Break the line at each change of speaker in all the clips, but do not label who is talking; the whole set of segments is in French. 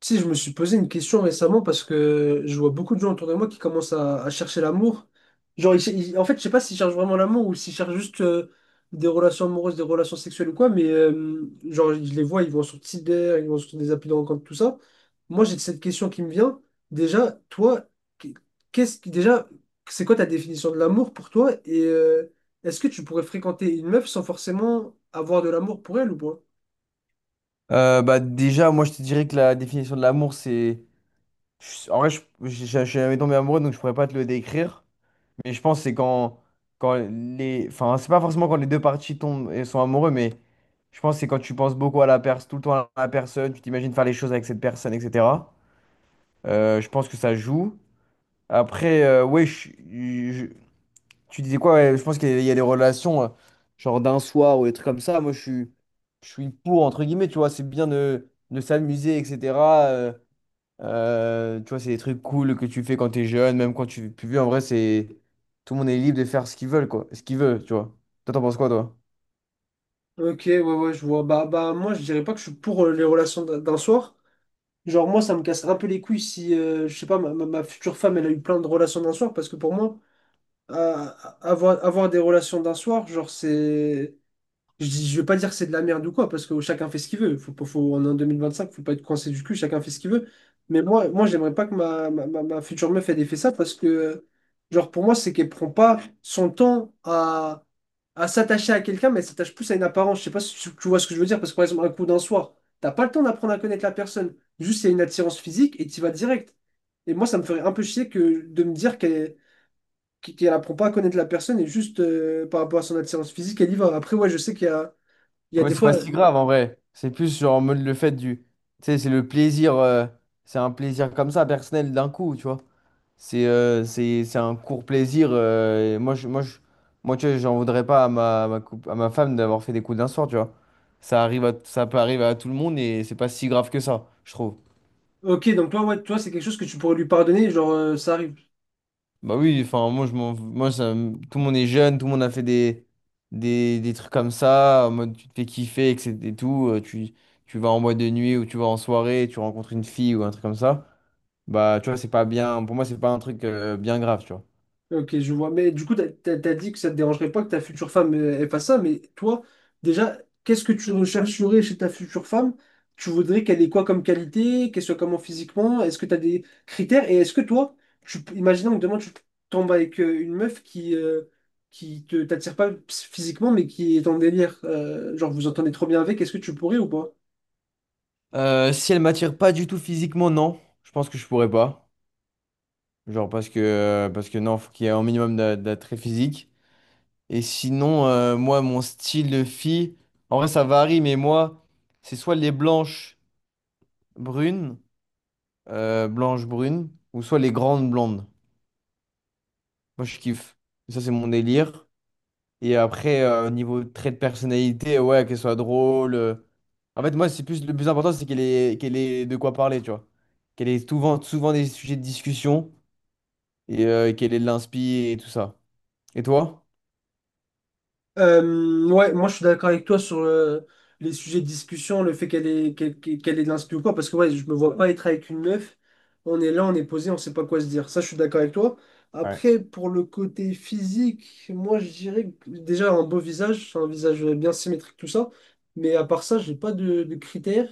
Tu sais, je me suis posé une question récemment parce que je vois beaucoup de gens autour de moi qui commencent à chercher l'amour. Genre, je sais pas s'ils cherchent vraiment l'amour ou s'ils cherchent juste des relations amoureuses, des relations sexuelles ou quoi, mais genre, je les vois, ils vont sur Tinder, ils vont sur des applis de rencontre, tout ça. Moi, j'ai cette question qui me vient. Déjà, toi, qu'est-ce qui, déjà, c'est quoi ta définition de l'amour pour toi? Est-ce que tu pourrais fréquenter une meuf sans forcément avoir de l'amour pour elle ou pas?
Bah déjà, moi je te dirais que la définition de l'amour, c'est... En vrai, je suis jamais tombé amoureux, donc je pourrais pas te le décrire. Mais je pense que c'est quand les... Enfin, c'est pas forcément quand les deux parties tombent et sont amoureux, mais je pense que c'est quand tu penses beaucoup à la personne, tout le temps à la personne, tu t'imagines faire les choses avec cette personne, etc. Je pense que ça joue. Après, oui, tu disais quoi? Ouais, je pense qu'il y a les relations, genre d'un soir ou des trucs comme ça. Je suis pour, entre guillemets, tu vois, c'est bien de s'amuser, etc. euh, Tu vois, c'est des trucs cool que tu fais quand t'es jeune, même quand tu es plus vieux. En vrai, c'est tout le monde est libre de faire ce qu'ils veulent quoi, ce qu'il veut, tu vois. Toi, t'en penses quoi, toi?
Ok, ouais, ouais, je vois. Moi, je dirais pas que je suis pour les relations d'un soir. Genre, moi, ça me casse un peu les couilles si, je sais pas, ma future femme, elle a eu plein de relations d'un soir, parce que pour moi, euh, avoir des relations d'un soir, genre, c'est. Je dis, je vais pas dire que c'est de la merde ou quoi, parce que chacun fait ce qu'il veut. Faut, pas- faut, on est en 2025, faut pas être coincé du cul, chacun fait ce qu'il veut. Mais moi, j'aimerais pas que ma future meuf, elle ait fait ça, parce que, genre, pour moi, c'est qu'elle prend pas son temps à s'attacher à quelqu'un, mais elle s'attache plus à une apparence. Je sais pas si tu vois ce que je veux dire, parce que par exemple, un coup d'un soir, t'as pas le temps d'apprendre à connaître la personne. Juste, il y a une attirance physique et tu vas direct. Et moi, ça me ferait un peu chier que de me dire qu'elle apprend pas à connaître la personne et juste par rapport à son attirance physique, elle y va. Après, ouais, je sais il y a
Ouais,
des
c'est pas
fois.
si grave, en vrai. C'est plus genre en mode le fait du, tu sais, c'est le plaisir, c'est un plaisir comme ça, personnel, d'un coup, tu vois. C'est un court plaisir. Et moi, tu vois, j'en voudrais pas à ma, à à ma femme d'avoir fait des coups d'un soir, tu vois. Ça peut arriver à tout le monde et c'est pas si grave que ça, je trouve.
Ok, donc toi, ouais, toi, c'est quelque chose que tu pourrais lui pardonner, genre, ça arrive.
Bah oui, enfin, moi, je m'en, moi ça, me- tout le monde est jeune, tout le monde a fait des trucs comme ça, en mode tu te fais kiffer, etc. et tout. Tu vas en boîte de nuit ou tu vas en soirée, tu rencontres une fille ou un truc comme ça. Bah, tu vois, c'est pas bien. Pour moi, c'est pas un truc bien grave, tu vois.
Ok, je vois. Mais du coup, t'as dit que ça te dérangerait pas que ta future femme ait pas ça, mais toi, déjà, qu'est-ce que tu rechercherais chez ta future femme? Tu voudrais qu'elle ait quoi comme qualité, qu'elle soit comment physiquement? Est-ce que t'as des critères? Et est-ce que toi, tu, imaginons que demain tu tombes avec une meuf qui te t'attire pas physiquement, mais qui est en délire, genre vous entendez trop bien avec, est-ce que tu pourrais ou pas?
Si elle m'attire pas du tout physiquement, non. Je pense que je pourrais pas. Genre parce que non, faut qu'il y ait un minimum d'attrait physique. Et sinon, moi, mon style de fille, en vrai, ça varie, mais moi, c'est soit les blanches brunes, ou soit les grandes blondes. Moi, je kiffe. Ça, c'est mon délire. Et après, au niveau trait de personnalité, ouais, qu'elle soit drôle. En fait, moi, c'est plus le plus important, c'est qu'elle ait de quoi parler, tu vois. Qu'elle ait souvent des sujets de discussion. Et quelle est l'inspi et tout ça. Et toi?
Ouais, moi je suis d'accord avec toi sur les sujets de discussion, le fait qu'elle ait de l'inspi ou quoi, parce que ouais, je me vois pas être avec une meuf. On est là, on est posé, on sait pas quoi se dire. Ça, je suis d'accord avec toi.
Ouais.
Après, pour le côté physique, moi je dirais que déjà un beau visage, un visage bien symétrique, tout ça. Mais à part ça, j'ai pas de critères.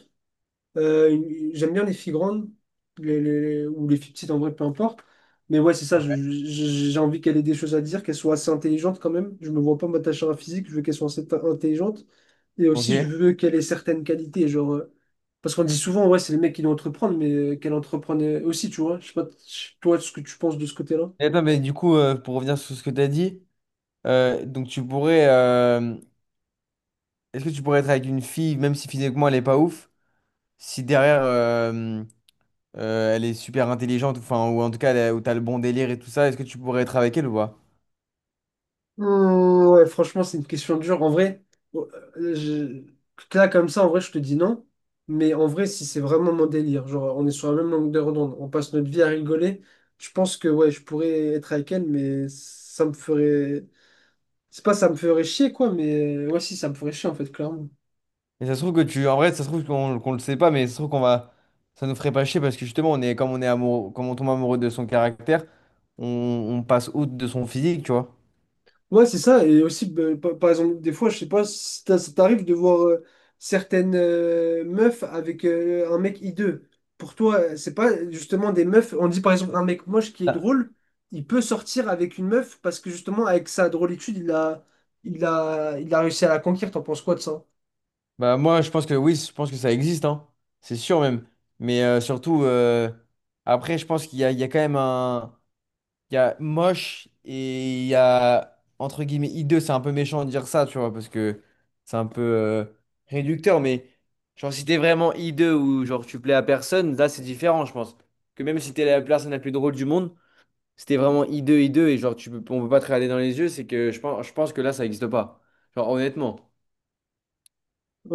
J'aime bien les filles grandes, ou les filles petites en vrai, peu importe. Mais ouais, c'est ça,
Ouais.
j'ai envie qu'elle ait des choses à dire, qu'elle soit assez intelligente quand même. Je me vois pas m'attacher à un physique, je veux qu'elle soit intelligente. Et
Ok.
aussi, je
Et
veux qu'elle ait certaines qualités, genre... Parce qu'on dit souvent, ouais, c'est les mecs qui doivent entreprendre, mais qu'elle entreprenne aussi, tu vois. Je sais pas, toi, ce que tu penses de ce côté-là.
attends, mais du coup, pour revenir sur ce que tu as dit, donc tu pourrais, est-ce que tu pourrais être avec une fille, même si physiquement elle est pas ouf, si derrière elle est super intelligente, enfin, ou en tout cas où t'as le bon délire et tout ça, est-ce que tu pourrais être avec elle ou pas?
Ouais, franchement, c'est une question dure. En vrai, oh, euh, je- là, comme ça, en vrai, je te dis non. Mais en vrai, si c'est vraiment mon délire, genre, on est sur la même longueur d'onde, on passe notre vie à rigoler, je pense que, ouais, je pourrais être avec elle, mais ça me ferait. C'est pas ça me ferait chier, quoi, mais ouais, si, ça me ferait chier, en fait, clairement.
Et ça se trouve que tu, en vrai, ça se trouve qu'on le sait pas, mais ça se trouve ça nous ferait pas chier parce que justement, on est, comme on est amoureux, comme on tombe amoureux de son caractère, on passe outre de son physique, tu vois.
Ouais, c'est ça. Et aussi, bah, par exemple, des fois, je sais pas, si t'as- ça t'arrive de voir certaines meufs avec un mec hideux. Pour toi, c'est pas justement des meufs. On dit par exemple un mec moche qui est drôle, il peut sortir avec une meuf parce que justement, avec sa drôlitude, il a réussi à la conquérir. T'en penses quoi de ça?
Bah moi je pense que oui, je pense que ça existe, hein. C'est sûr même. Mais surtout après je pense qu'il y a, il y a quand même un. Il y a moche et il y a entre guillemets hideux, c'est un peu méchant de dire ça, tu vois, parce que c'est un peu réducteur, mais genre si t'es vraiment hideux ou genre tu plais à personne, là c'est différent, je pense. Que même si t'es la personne la plus drôle du monde, si t'es vraiment hideux et genre on peut pas te regarder dans les yeux, c'est je pense que là ça existe pas. Genre honnêtement.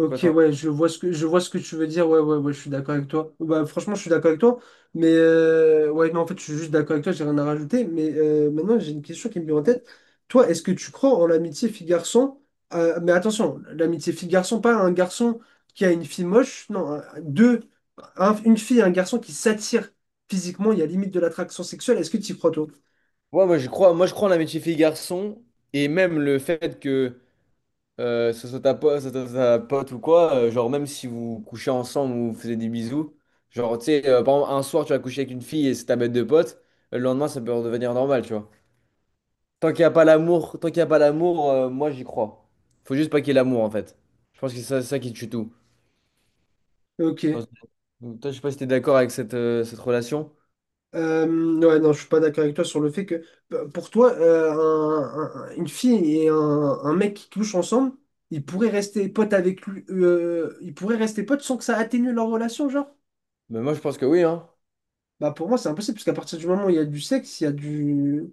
Je sais pas, toi.
ouais, je vois ce que, je vois ce que tu veux dire. Ouais, ouais, ouais, je suis d'accord avec toi. Bah, franchement, je suis d'accord avec toi. Mais ouais, non, en fait, je suis juste d'accord avec toi, j'ai rien à rajouter. Mais maintenant, j'ai une question qui me vient en tête. Toi, est-ce que tu crois en l'amitié fille-garçon? Mais attention, l'amitié fille-garçon, pas un garçon qui a une fille moche. Non, deux, une fille et un garçon qui s'attirent physiquement, il y a limite de l'attraction sexuelle. Est-ce que tu y crois, toi?
Ouais, moi je crois en amitié fille-garçon, et même le fait que ce soit ta pote ou quoi, genre même si vous couchez ensemble ou vous faisiez des bisous, genre tu sais, par exemple un soir tu vas coucher avec une fille et c'est ta bête de pote, le lendemain ça peut redevenir normal, tu vois. Tant qu'il y a pas l'amour, moi j'y crois. Faut juste pas qu'il y ait l'amour en fait. Je pense que c'est ça qui tue tout.
Ok.
Dans- Donc, toi je sais pas si t'es d'accord avec cette relation,
Euh, ouais, non, je suis pas d'accord avec toi sur le fait que pour toi, une fille et un mec qui couchent ensemble, ils pourraient rester potes avec lui, ils pourraient rester potes sans que ça atténue leur relation, genre?
mais moi je pense que oui, hein.
Bah pour moi, c'est impossible, parce qu'à partir du moment où il y a du sexe,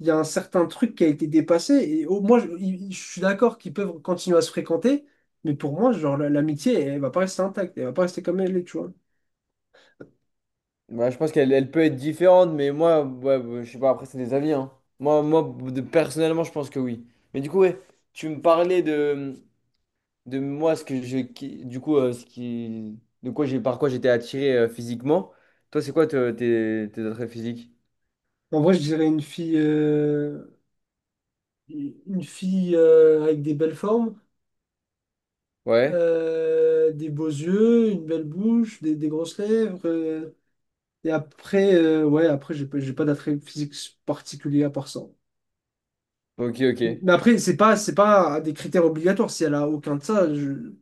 il y a un certain truc qui a été dépassé. Et au moi, je, il- Je suis d'accord qu'ils peuvent continuer à se fréquenter, mais pour moi, genre l'amitié, elle, va pas rester intacte, elle va pas rester comme elle est, tu vois.
Bah, je pense qu'elle elle peut être différente, mais moi, ouais, bah, je sais pas, après, c'est des avis, hein. Moi, moi Personnellement, je pense que oui. Mais du coup, ouais, tu me parlais de moi, ce que je, qui- du coup, ce qui, de quoi j'ai, par quoi j'étais attiré physiquement. Toi, c'est quoi tes attraits physiques?
En vrai, je dirais une fille avec des belles formes.
Ouais,
Des beaux yeux, une belle bouche, des grosses lèvres. Et après, ouais, après, j'ai pas d'attrait physique particulier à part ça.
ok, ok.
Mais après, c'est pas des critères obligatoires. Si elle a aucun de ça,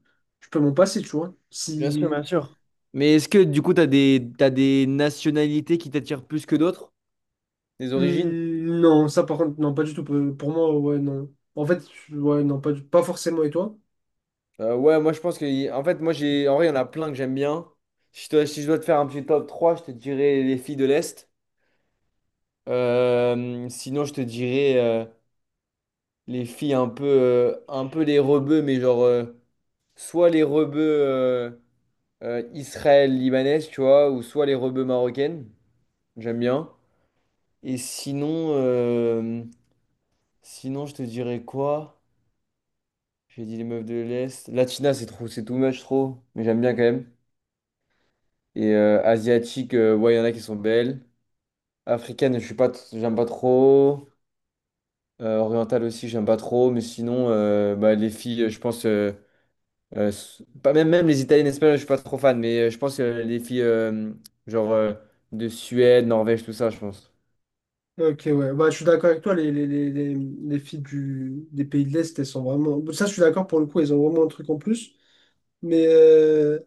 je peux m'en passer, tu vois.
Bien sûr,
Si,
bien sûr. Mais est-ce que, du coup, t'as des nationalités qui t'attirent plus que d'autres? Des origines?
Hmm, non, ça par contre, non, pas du tout. Pour moi, ouais, non. En fait, ouais, non, pas forcément. Et toi?
Ouais, moi je pense que. En fait, moi j'ai. En vrai, il y en a plein que j'aime bien. Si si je dois te faire un petit top trois je te dirais les filles de l'Est. Sinon, je te dirais les filles un peu les rebeux, mais genre soit les rebeux israël-libanaises, tu vois, ou soit les rebeux marocaines. J'aime bien. Et sinon, je te dirais quoi? J'ai dit les meufs de l'Est. Latina, c'est trop, c'est too much trop, mais j'aime bien quand même. Et asiatique, ouais, il y en a qui sont belles. Africaine, je suis pas, t- j'aime pas trop. Orientale aussi, j'aime pas trop. Mais sinon, bah, les filles, je pense, s- pas même, même les italiennes, espagnoles, je suis pas trop fan. Mais je pense que les filles, genre euh, de Suède, Norvège, tout ça, je pense.
Ok, ouais. Bah, je suis d'accord avec toi. Les filles des pays de l'Est, elles sont vraiment. Ça, je suis d'accord pour le coup, elles ont vraiment un truc en plus. Mais euh,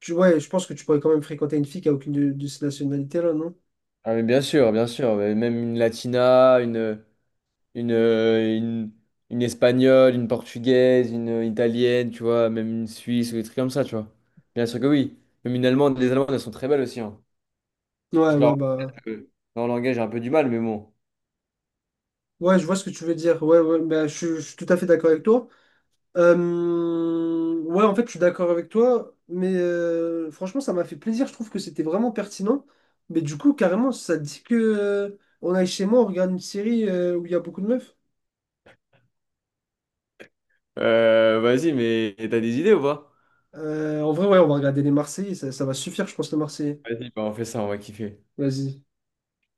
Tu- ouais, je pense que tu pourrais quand même fréquenter une fille qui a aucune de ces nationalités-là, non?
Ah, mais bien sûr, bien sûr. Mais même une une, euh, une, une espagnole, une portugaise, une italienne, tu vois, même une suisse ou des trucs comme ça, tu vois. Bien sûr que oui. Même une allemande, les allemandes, elles sont très belles aussi, hein.
Ouais,
Je
ouais,
leur...
bah.
euh, Leur langage, j'ai un peu du mal, mais bon.
Ouais, je vois ce que tu veux dire. Ouais, ouais, bah, je suis tout à fait d'accord avec toi. Ouais, en fait, je suis d'accord avec toi, mais franchement, ça m'a fait plaisir. Je trouve que c'était vraiment pertinent. Mais du coup, carrément, ça dit que on aille chez moi, on regarde une série où il y a beaucoup de meufs.
Vas-y, mais t'as des idées ou pas?
En vrai, ouais, on va regarder les Marseillais. Ça va suffire, je pense, les Marseillais.
Vas-y, bah, on fait ça, on va kiffer.
Vas-y.